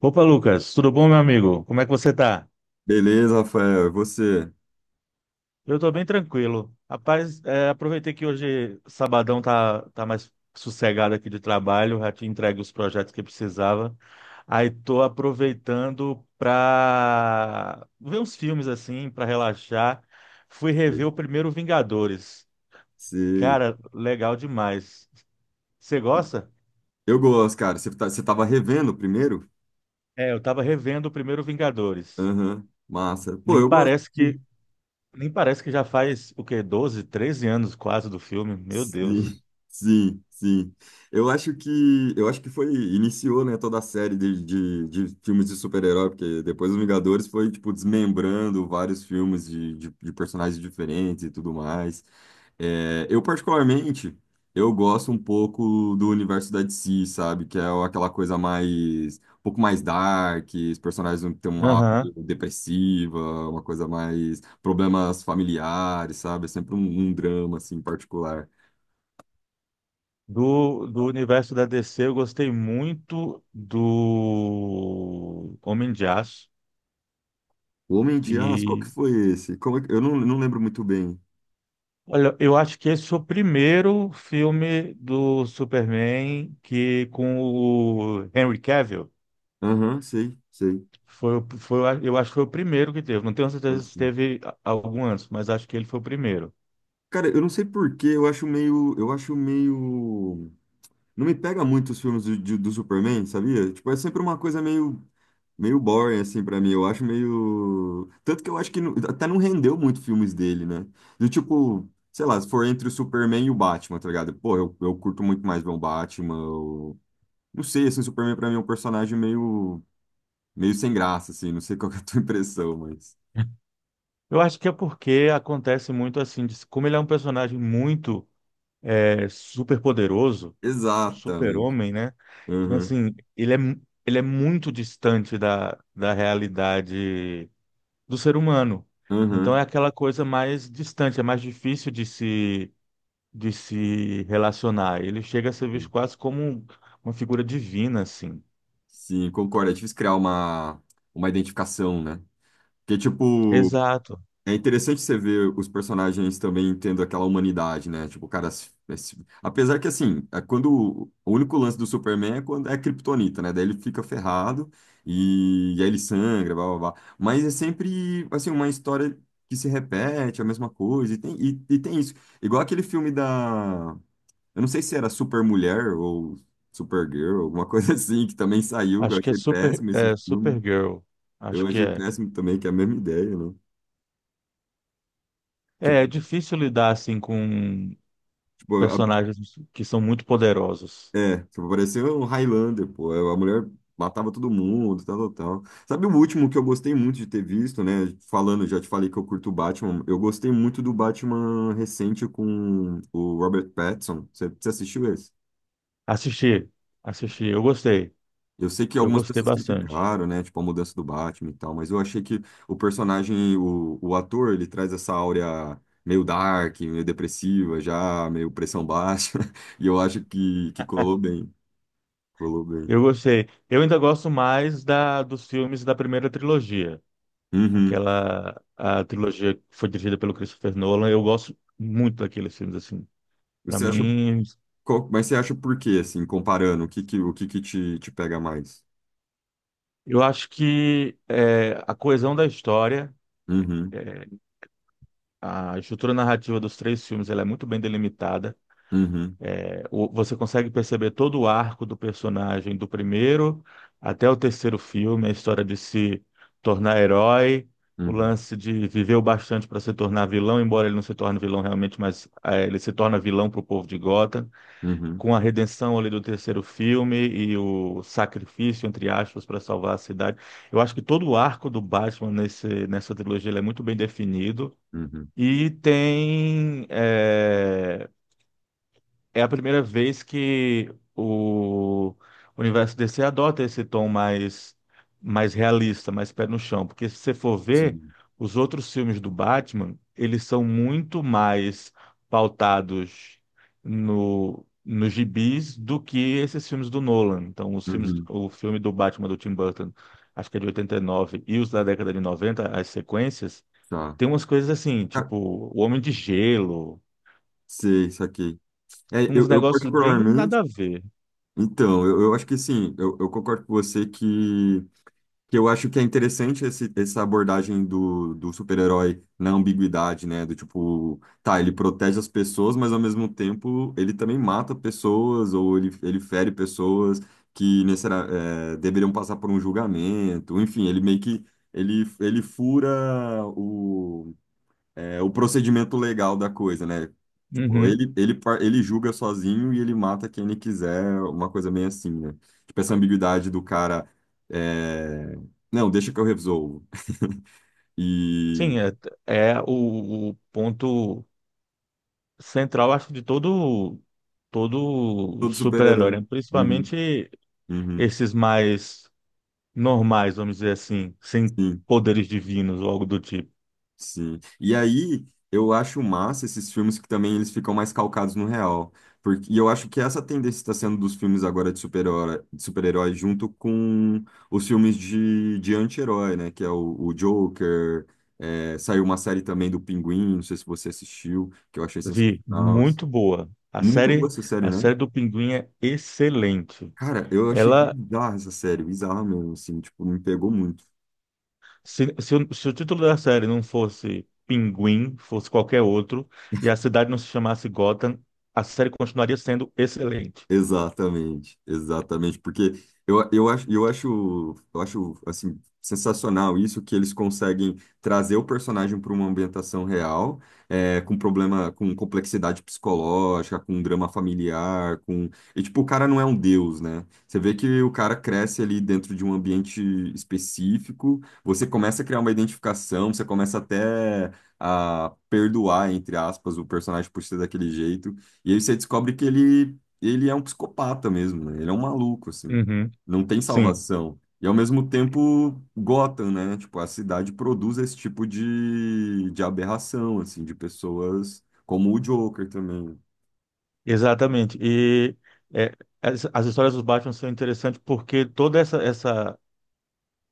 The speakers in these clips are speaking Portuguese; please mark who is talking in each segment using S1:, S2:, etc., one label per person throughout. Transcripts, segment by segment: S1: Opa, Lucas, tudo bom, meu amigo? Como é que você tá?
S2: Beleza, Rafael. E você?
S1: Eu tô bem tranquilo. Rapaz, aproveitei que hoje sabadão tá mais sossegado aqui de trabalho, já te entregue os projetos que precisava. Aí tô aproveitando pra ver uns filmes assim, pra relaxar. Fui
S2: E-
S1: rever o primeiro Vingadores.
S2: Se...
S1: Cara, legal demais. Você gosta?
S2: Eu gosto, cara. Você tá... Você tava revendo o primeiro?
S1: É, eu tava revendo o primeiro Vingadores.
S2: Aham. Massa. Pô,
S1: Nem
S2: eu gosto.
S1: parece que Nem parece que já faz, o quê? 12 13 anos quase do filme. Meu Deus.
S2: Sim, sim. Eu acho que foi iniciou, né, toda a série de filmes de super-herói, porque depois os Vingadores foi tipo desmembrando vários filmes de personagens diferentes e tudo mais. É, eu particularmente eu gosto um pouco do universo da DC, sabe, que é aquela coisa mais um pouco mais dark, os personagens têm uma aura
S1: Aham.
S2: meio depressiva, uma coisa mais problemas familiares, sabe? É sempre um drama assim particular.
S1: Do universo da DC, eu gostei muito do Homem de Aço.
S2: O Homem de Aço, qual que
S1: E,
S2: foi esse? Eu não lembro muito bem.
S1: olha, eu acho que esse foi o primeiro filme do Superman que com o Henry Cavill.
S2: Aham, sei, sei.
S1: Eu acho que foi o primeiro que teve. Não tenho
S2: Pode
S1: certeza se
S2: crer.
S1: teve algum antes, mas acho que ele foi o primeiro.
S2: Cara, eu não sei por quê, eu acho meio, não me pega muito os filmes do Superman, sabia? Tipo, é sempre uma coisa meio, meio boring assim pra mim. Eu acho meio, tanto que eu acho que não- até não rendeu muito filmes dele, né? Do tipo, sei lá, se for entre o Superman e o Batman, tá ligado? Pô, eu curto muito mais ver o Batman. Eu... Não sei, assim, o Superman pra mim é um personagem meio sem graça, assim, não sei qual que é a tua impressão, mas.
S1: Eu acho que é porque acontece muito assim, como ele é um personagem muito super poderoso,
S2: Exatamente.
S1: super-homem, né? Então,
S2: Uhum,
S1: assim, ele é muito distante da realidade do ser humano. Então,
S2: uhum.
S1: é aquela coisa mais distante, é mais difícil de se relacionar. Ele chega a ser visto
S2: Sim,
S1: quase como uma figura divina, assim.
S2: Sim, concordo. É difícil criar uma identificação, né? Porque, tipo,
S1: Exato.
S2: é interessante você ver os personagens também tendo aquela humanidade, né? Tipo, o cara. Apesar que, assim, é quando. O único lance do Superman é quando é a Kryptonita, né? Daí ele fica ferrado e aí ele sangra, blá blá blá. Mas é sempre, assim, uma história que se repete, a mesma coisa. E tem isso. Igual aquele filme da. Eu não sei se era Super Mulher ou Supergirl, alguma coisa assim, que também saiu. Eu
S1: Acho que é
S2: achei
S1: super,
S2: péssimo esse
S1: é
S2: filme.
S1: Supergirl.
S2: Eu
S1: Acho que
S2: achei
S1: é.
S2: péssimo também, que é a mesma ideia, né?
S1: É, é
S2: Tipo,
S1: difícil lidar, assim, com
S2: tipo,
S1: personagens que são muito poderosos.
S2: é, tipo, parecia um Highlander, pô. É, a mulher matava todo mundo, tal, tal, tal. Sabe o último que eu gostei muito de ter visto, né? Falando, já te falei que eu curto o Batman. Eu gostei muito do Batman recente com o Robert Pattinson. Você assistiu esse?
S1: Assisti, assisti,
S2: Eu sei que
S1: eu
S2: algumas
S1: gostei
S2: pessoas
S1: bastante.
S2: criticaram, né? Tipo, a mudança do Batman e tal, mas eu achei que o personagem, o ator, ele traz essa áurea meio dark, meio depressiva, já meio pressão baixa. E eu acho que colou bem. Colou bem.
S1: Eu gostei. Eu ainda gosto mais da dos filmes da primeira trilogia,
S2: Uhum.
S1: aquela a trilogia que foi dirigida pelo Christopher Nolan. Eu gosto muito daqueles filmes assim. Para
S2: Você acha.
S1: mim,
S2: Mas você acha por quê, assim, comparando, o que que te, te pega mais?
S1: eu acho que é, a coesão da história,
S2: Uhum,
S1: é, a estrutura narrativa dos três filmes, ela é muito bem delimitada.
S2: uhum,
S1: Você consegue perceber todo o arco do personagem do primeiro até o terceiro filme, a história de se tornar herói, o
S2: uhum,
S1: lance de viver o bastante para se tornar vilão, embora ele não se torne vilão realmente, mas ele se torna vilão para o povo de Gotham,
S2: uhum,
S1: com a redenção ali do terceiro filme e o sacrifício, entre aspas, para salvar a cidade. Eu acho que todo o arco do Batman nessa trilogia ele é muito bem definido.
S2: uhum,
S1: E tem é, é a primeira vez que o universo DC adota esse tom mais, mais realista, mais pé no chão. Porque se você for ver,
S2: sim,
S1: os outros filmes do Batman, eles são muito mais pautados no, nos gibis do que esses filmes do Nolan. Então,
S2: uhum,
S1: o filme do Batman do Tim Burton, acho que é de 89, e os da década de 90, as sequências,
S2: tá.
S1: tem umas coisas assim,
S2: Ca-
S1: tipo O Homem de Gelo,
S2: Sei, saquei. É, eu,
S1: uns
S2: eu
S1: negócios bem
S2: particularmente,
S1: nada a ver.
S2: então, eu acho que sim, eu concordo com você que eu acho que é interessante esse, essa abordagem do super-herói na ambiguidade, né? Do tipo, tá, ele protege as pessoas, mas ao mesmo tempo ele também mata pessoas ou ele fere pessoas que necessari- é, deveriam passar por um julgamento. Enfim, ele meio que ele fura o procedimento legal da coisa, né? Ou
S1: Uhum.
S2: ele julga sozinho e ele mata quem ele quiser, uma coisa bem assim, né? Tipo, essa ambiguidade do cara, é... Não, deixa que eu resolvo. e
S1: Sim, é, é o ponto central, acho, de todo
S2: todo super
S1: super-herói,
S2: herói.
S1: né? Principalmente esses mais normais, vamos dizer assim, sem poderes divinos ou algo do tipo.
S2: Sim. E aí, eu acho massa esses filmes que também eles ficam mais calcados no real. Porque, e eu acho que essa tendência está sendo dos filmes agora de super-herói junto com os filmes de anti-herói, né? Que é o Joker. É, saiu uma série também do Pinguim, não sei se você assistiu, que eu achei
S1: Vi,
S2: sensacional.
S1: muito boa.
S2: Muito boa essa série,
S1: A
S2: né?
S1: série do Pinguim é excelente.
S2: Cara, eu achei
S1: Ela,
S2: bizarra essa série, bizarra mesmo, assim, tipo, me pegou muito.
S1: se, o, se o título da série não fosse Pinguim, fosse qualquer outro, e a cidade não se chamasse Gotham, a série continuaria sendo excelente.
S2: Exatamente, exatamente, porque eu acho assim, sensacional isso que eles conseguem trazer o personagem para uma ambientação real, é, com problema, com complexidade psicológica, com drama familiar, com e tipo o cara não é um deus, né? Você vê que o cara cresce ali dentro de um ambiente específico, você começa a criar uma identificação, você começa até a perdoar, entre aspas, o personagem por ser daquele jeito. E aí você descobre que ele é um psicopata mesmo, né? Ele é um maluco, assim.
S1: Uhum.
S2: Não tem
S1: Sim,
S2: salvação. E ao mesmo tempo, Gotham, né? Tipo, a cidade produz esse tipo de aberração, assim, de pessoas como o Joker também.
S1: exatamente. E é, as histórias dos Batman são interessantes porque toda essa, essa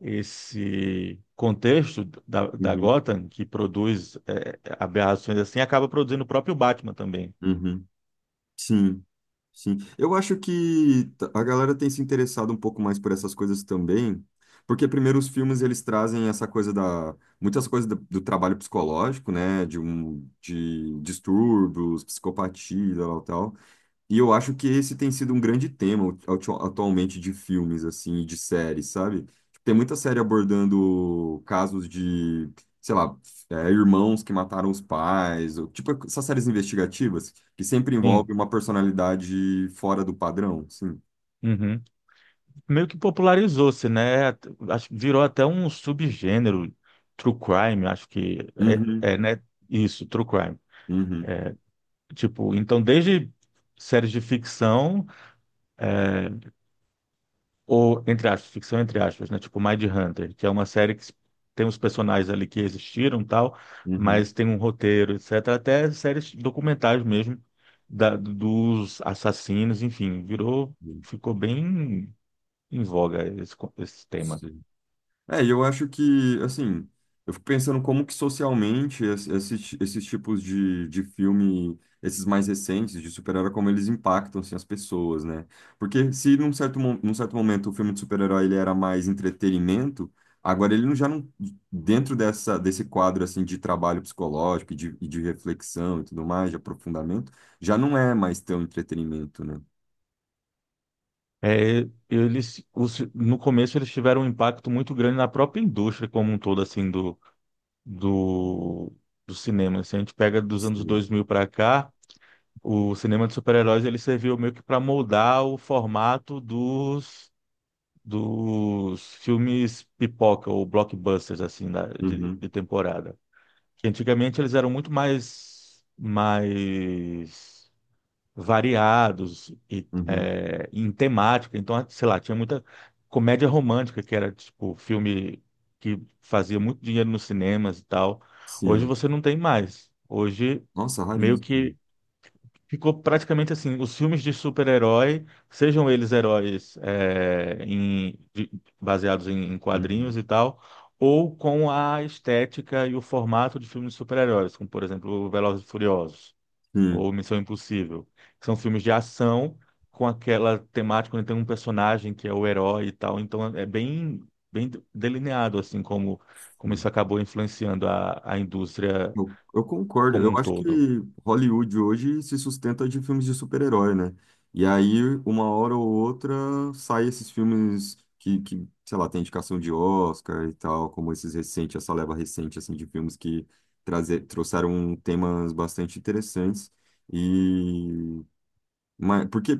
S1: esse contexto da
S2: Uhum,
S1: Gotham que produz é, aberrações assim acaba produzindo o próprio Batman também.
S2: uhum. Sim, sim. Eu acho que a galera tem se interessado um pouco mais por essas coisas também, porque primeiro os filmes eles trazem essa coisa da muitas coisas do trabalho psicológico, né, de um de distúrbios, psicopatia, tal, tal. E eu acho que esse tem sido um grande tema atualmente de filmes, assim, e de séries, sabe? Tipo, tem muita série abordando casos de, sei lá, é, irmãos que mataram os pais, ou, tipo essas séries investigativas, que sempre envolve
S1: Sim.
S2: uma personalidade fora do padrão, sim.
S1: Uhum. Meio que popularizou-se, né? Acho que virou até um subgênero, true crime, acho que
S2: Uhum,
S1: né? Isso, true crime.
S2: uhum,
S1: Tipo, então desde séries de ficção ou, entre aspas, ficção entre aspas, né? Tipo Mindhunter, que é uma série que tem os personagens ali que existiram e tal,
S2: uhum.
S1: mas tem um roteiro, etc. Até séries documentais mesmo dos assassinos, enfim, virou,
S2: Uhum.
S1: ficou bem em voga esse tema.
S2: Sim. É, e eu acho que, assim, eu fico pensando como que socialmente esses tipos de filme, esses mais recentes de super-herói, como eles impactam, assim, as pessoas, né? Porque se num certo, num certo momento o filme de super-herói ele era mais entretenimento, agora ele já não, dentro dessa, desse quadro, assim, de trabalho psicológico e de reflexão e tudo mais, de aprofundamento, já não é mais tão entretenimento, né?
S1: É, eles, no começo eles tiveram um impacto muito grande na própria indústria como um todo, assim, do, do cinema. Se a gente pega dos anos
S2: Sim.
S1: dois mil para cá, o cinema de super-heróis ele serviu meio que para moldar o formato dos, dos filmes pipoca ou blockbusters assim
S2: Uhum,
S1: de temporada. Que antigamente eles eram muito mais mais variados e
S2: uhum,
S1: é, em temática. Então, sei lá, tinha muita comédia romântica que era tipo filme que fazia muito dinheiro nos cinemas e tal. Hoje
S2: sim.
S1: você não tem mais. Hoje
S2: Nossa,
S1: meio
S2: raríssimo.
S1: que ficou praticamente assim, os filmes de super-herói, sejam eles heróis é, baseados em
S2: Uhum,
S1: quadrinhos e tal, ou com a estética e o formato de filmes de super-heróis, como por exemplo Velozes e Furiosos
S2: sim.
S1: ou Missão Impossível, que são filmes de ação com aquela temática onde tem um personagem que é o herói e tal, então é bem, bem delineado assim como, como isso acabou influenciando a indústria
S2: Eu concordo.
S1: como
S2: Eu
S1: um
S2: acho que
S1: todo.
S2: Hollywood hoje se sustenta de filmes de super-herói, né? E aí, uma hora ou outra, sai esses filmes que, sei lá, tem indicação de Oscar e tal, como esses recentes, essa leva recente, assim, de filmes que trouxeram temas bastante interessantes. E mas, porque,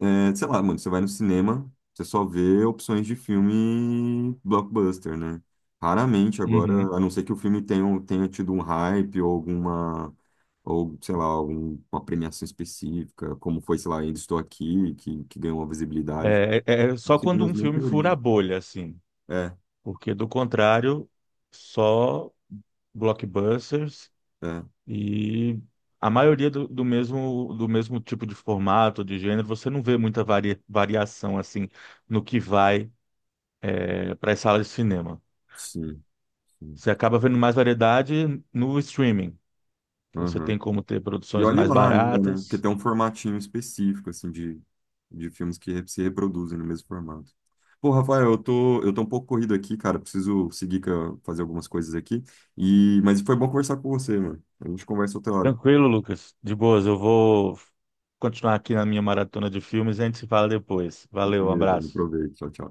S2: é, sei lá, mano, você vai no cinema, você só vê opções de filme blockbuster, né? Raramente agora, a não ser que o filme tenha, tenha tido um hype ou alguma, ou sei lá, alguma premiação específica, como foi, sei lá, Ainda Estou Aqui, que ganhou uma visibilidade.
S1: É, só
S2: Os
S1: quando
S2: cinemas
S1: um
S2: nem
S1: filme fura
S2: priorizam.
S1: a bolha, assim,
S2: É,
S1: porque do contrário, só blockbusters
S2: é,
S1: e a maioria do, do mesmo tipo de formato, de gênero, você não vê muita variação assim no que vai é, para as salas de cinema.
S2: sim, sim.
S1: Você acaba vendo mais variedade no streaming, que você
S2: Aham.
S1: tem como ter
S2: E
S1: produções
S2: olhe
S1: mais
S2: lá ainda, né? Porque
S1: baratas.
S2: tem um formatinho específico, assim, de filmes que se reproduzem no mesmo formato. Pô, Rafael, eu tô um pouco corrido aqui, cara. Preciso seguir fazer algumas coisas aqui. E, mas foi bom conversar com você, mano. A gente conversa outra hora.
S1: Tranquilo, Lucas. De boas, eu vou continuar aqui na minha maratona de filmes e a gente se fala depois. Valeu, um
S2: Beleza,
S1: abraço.
S2: aproveite. Tchau, tchau.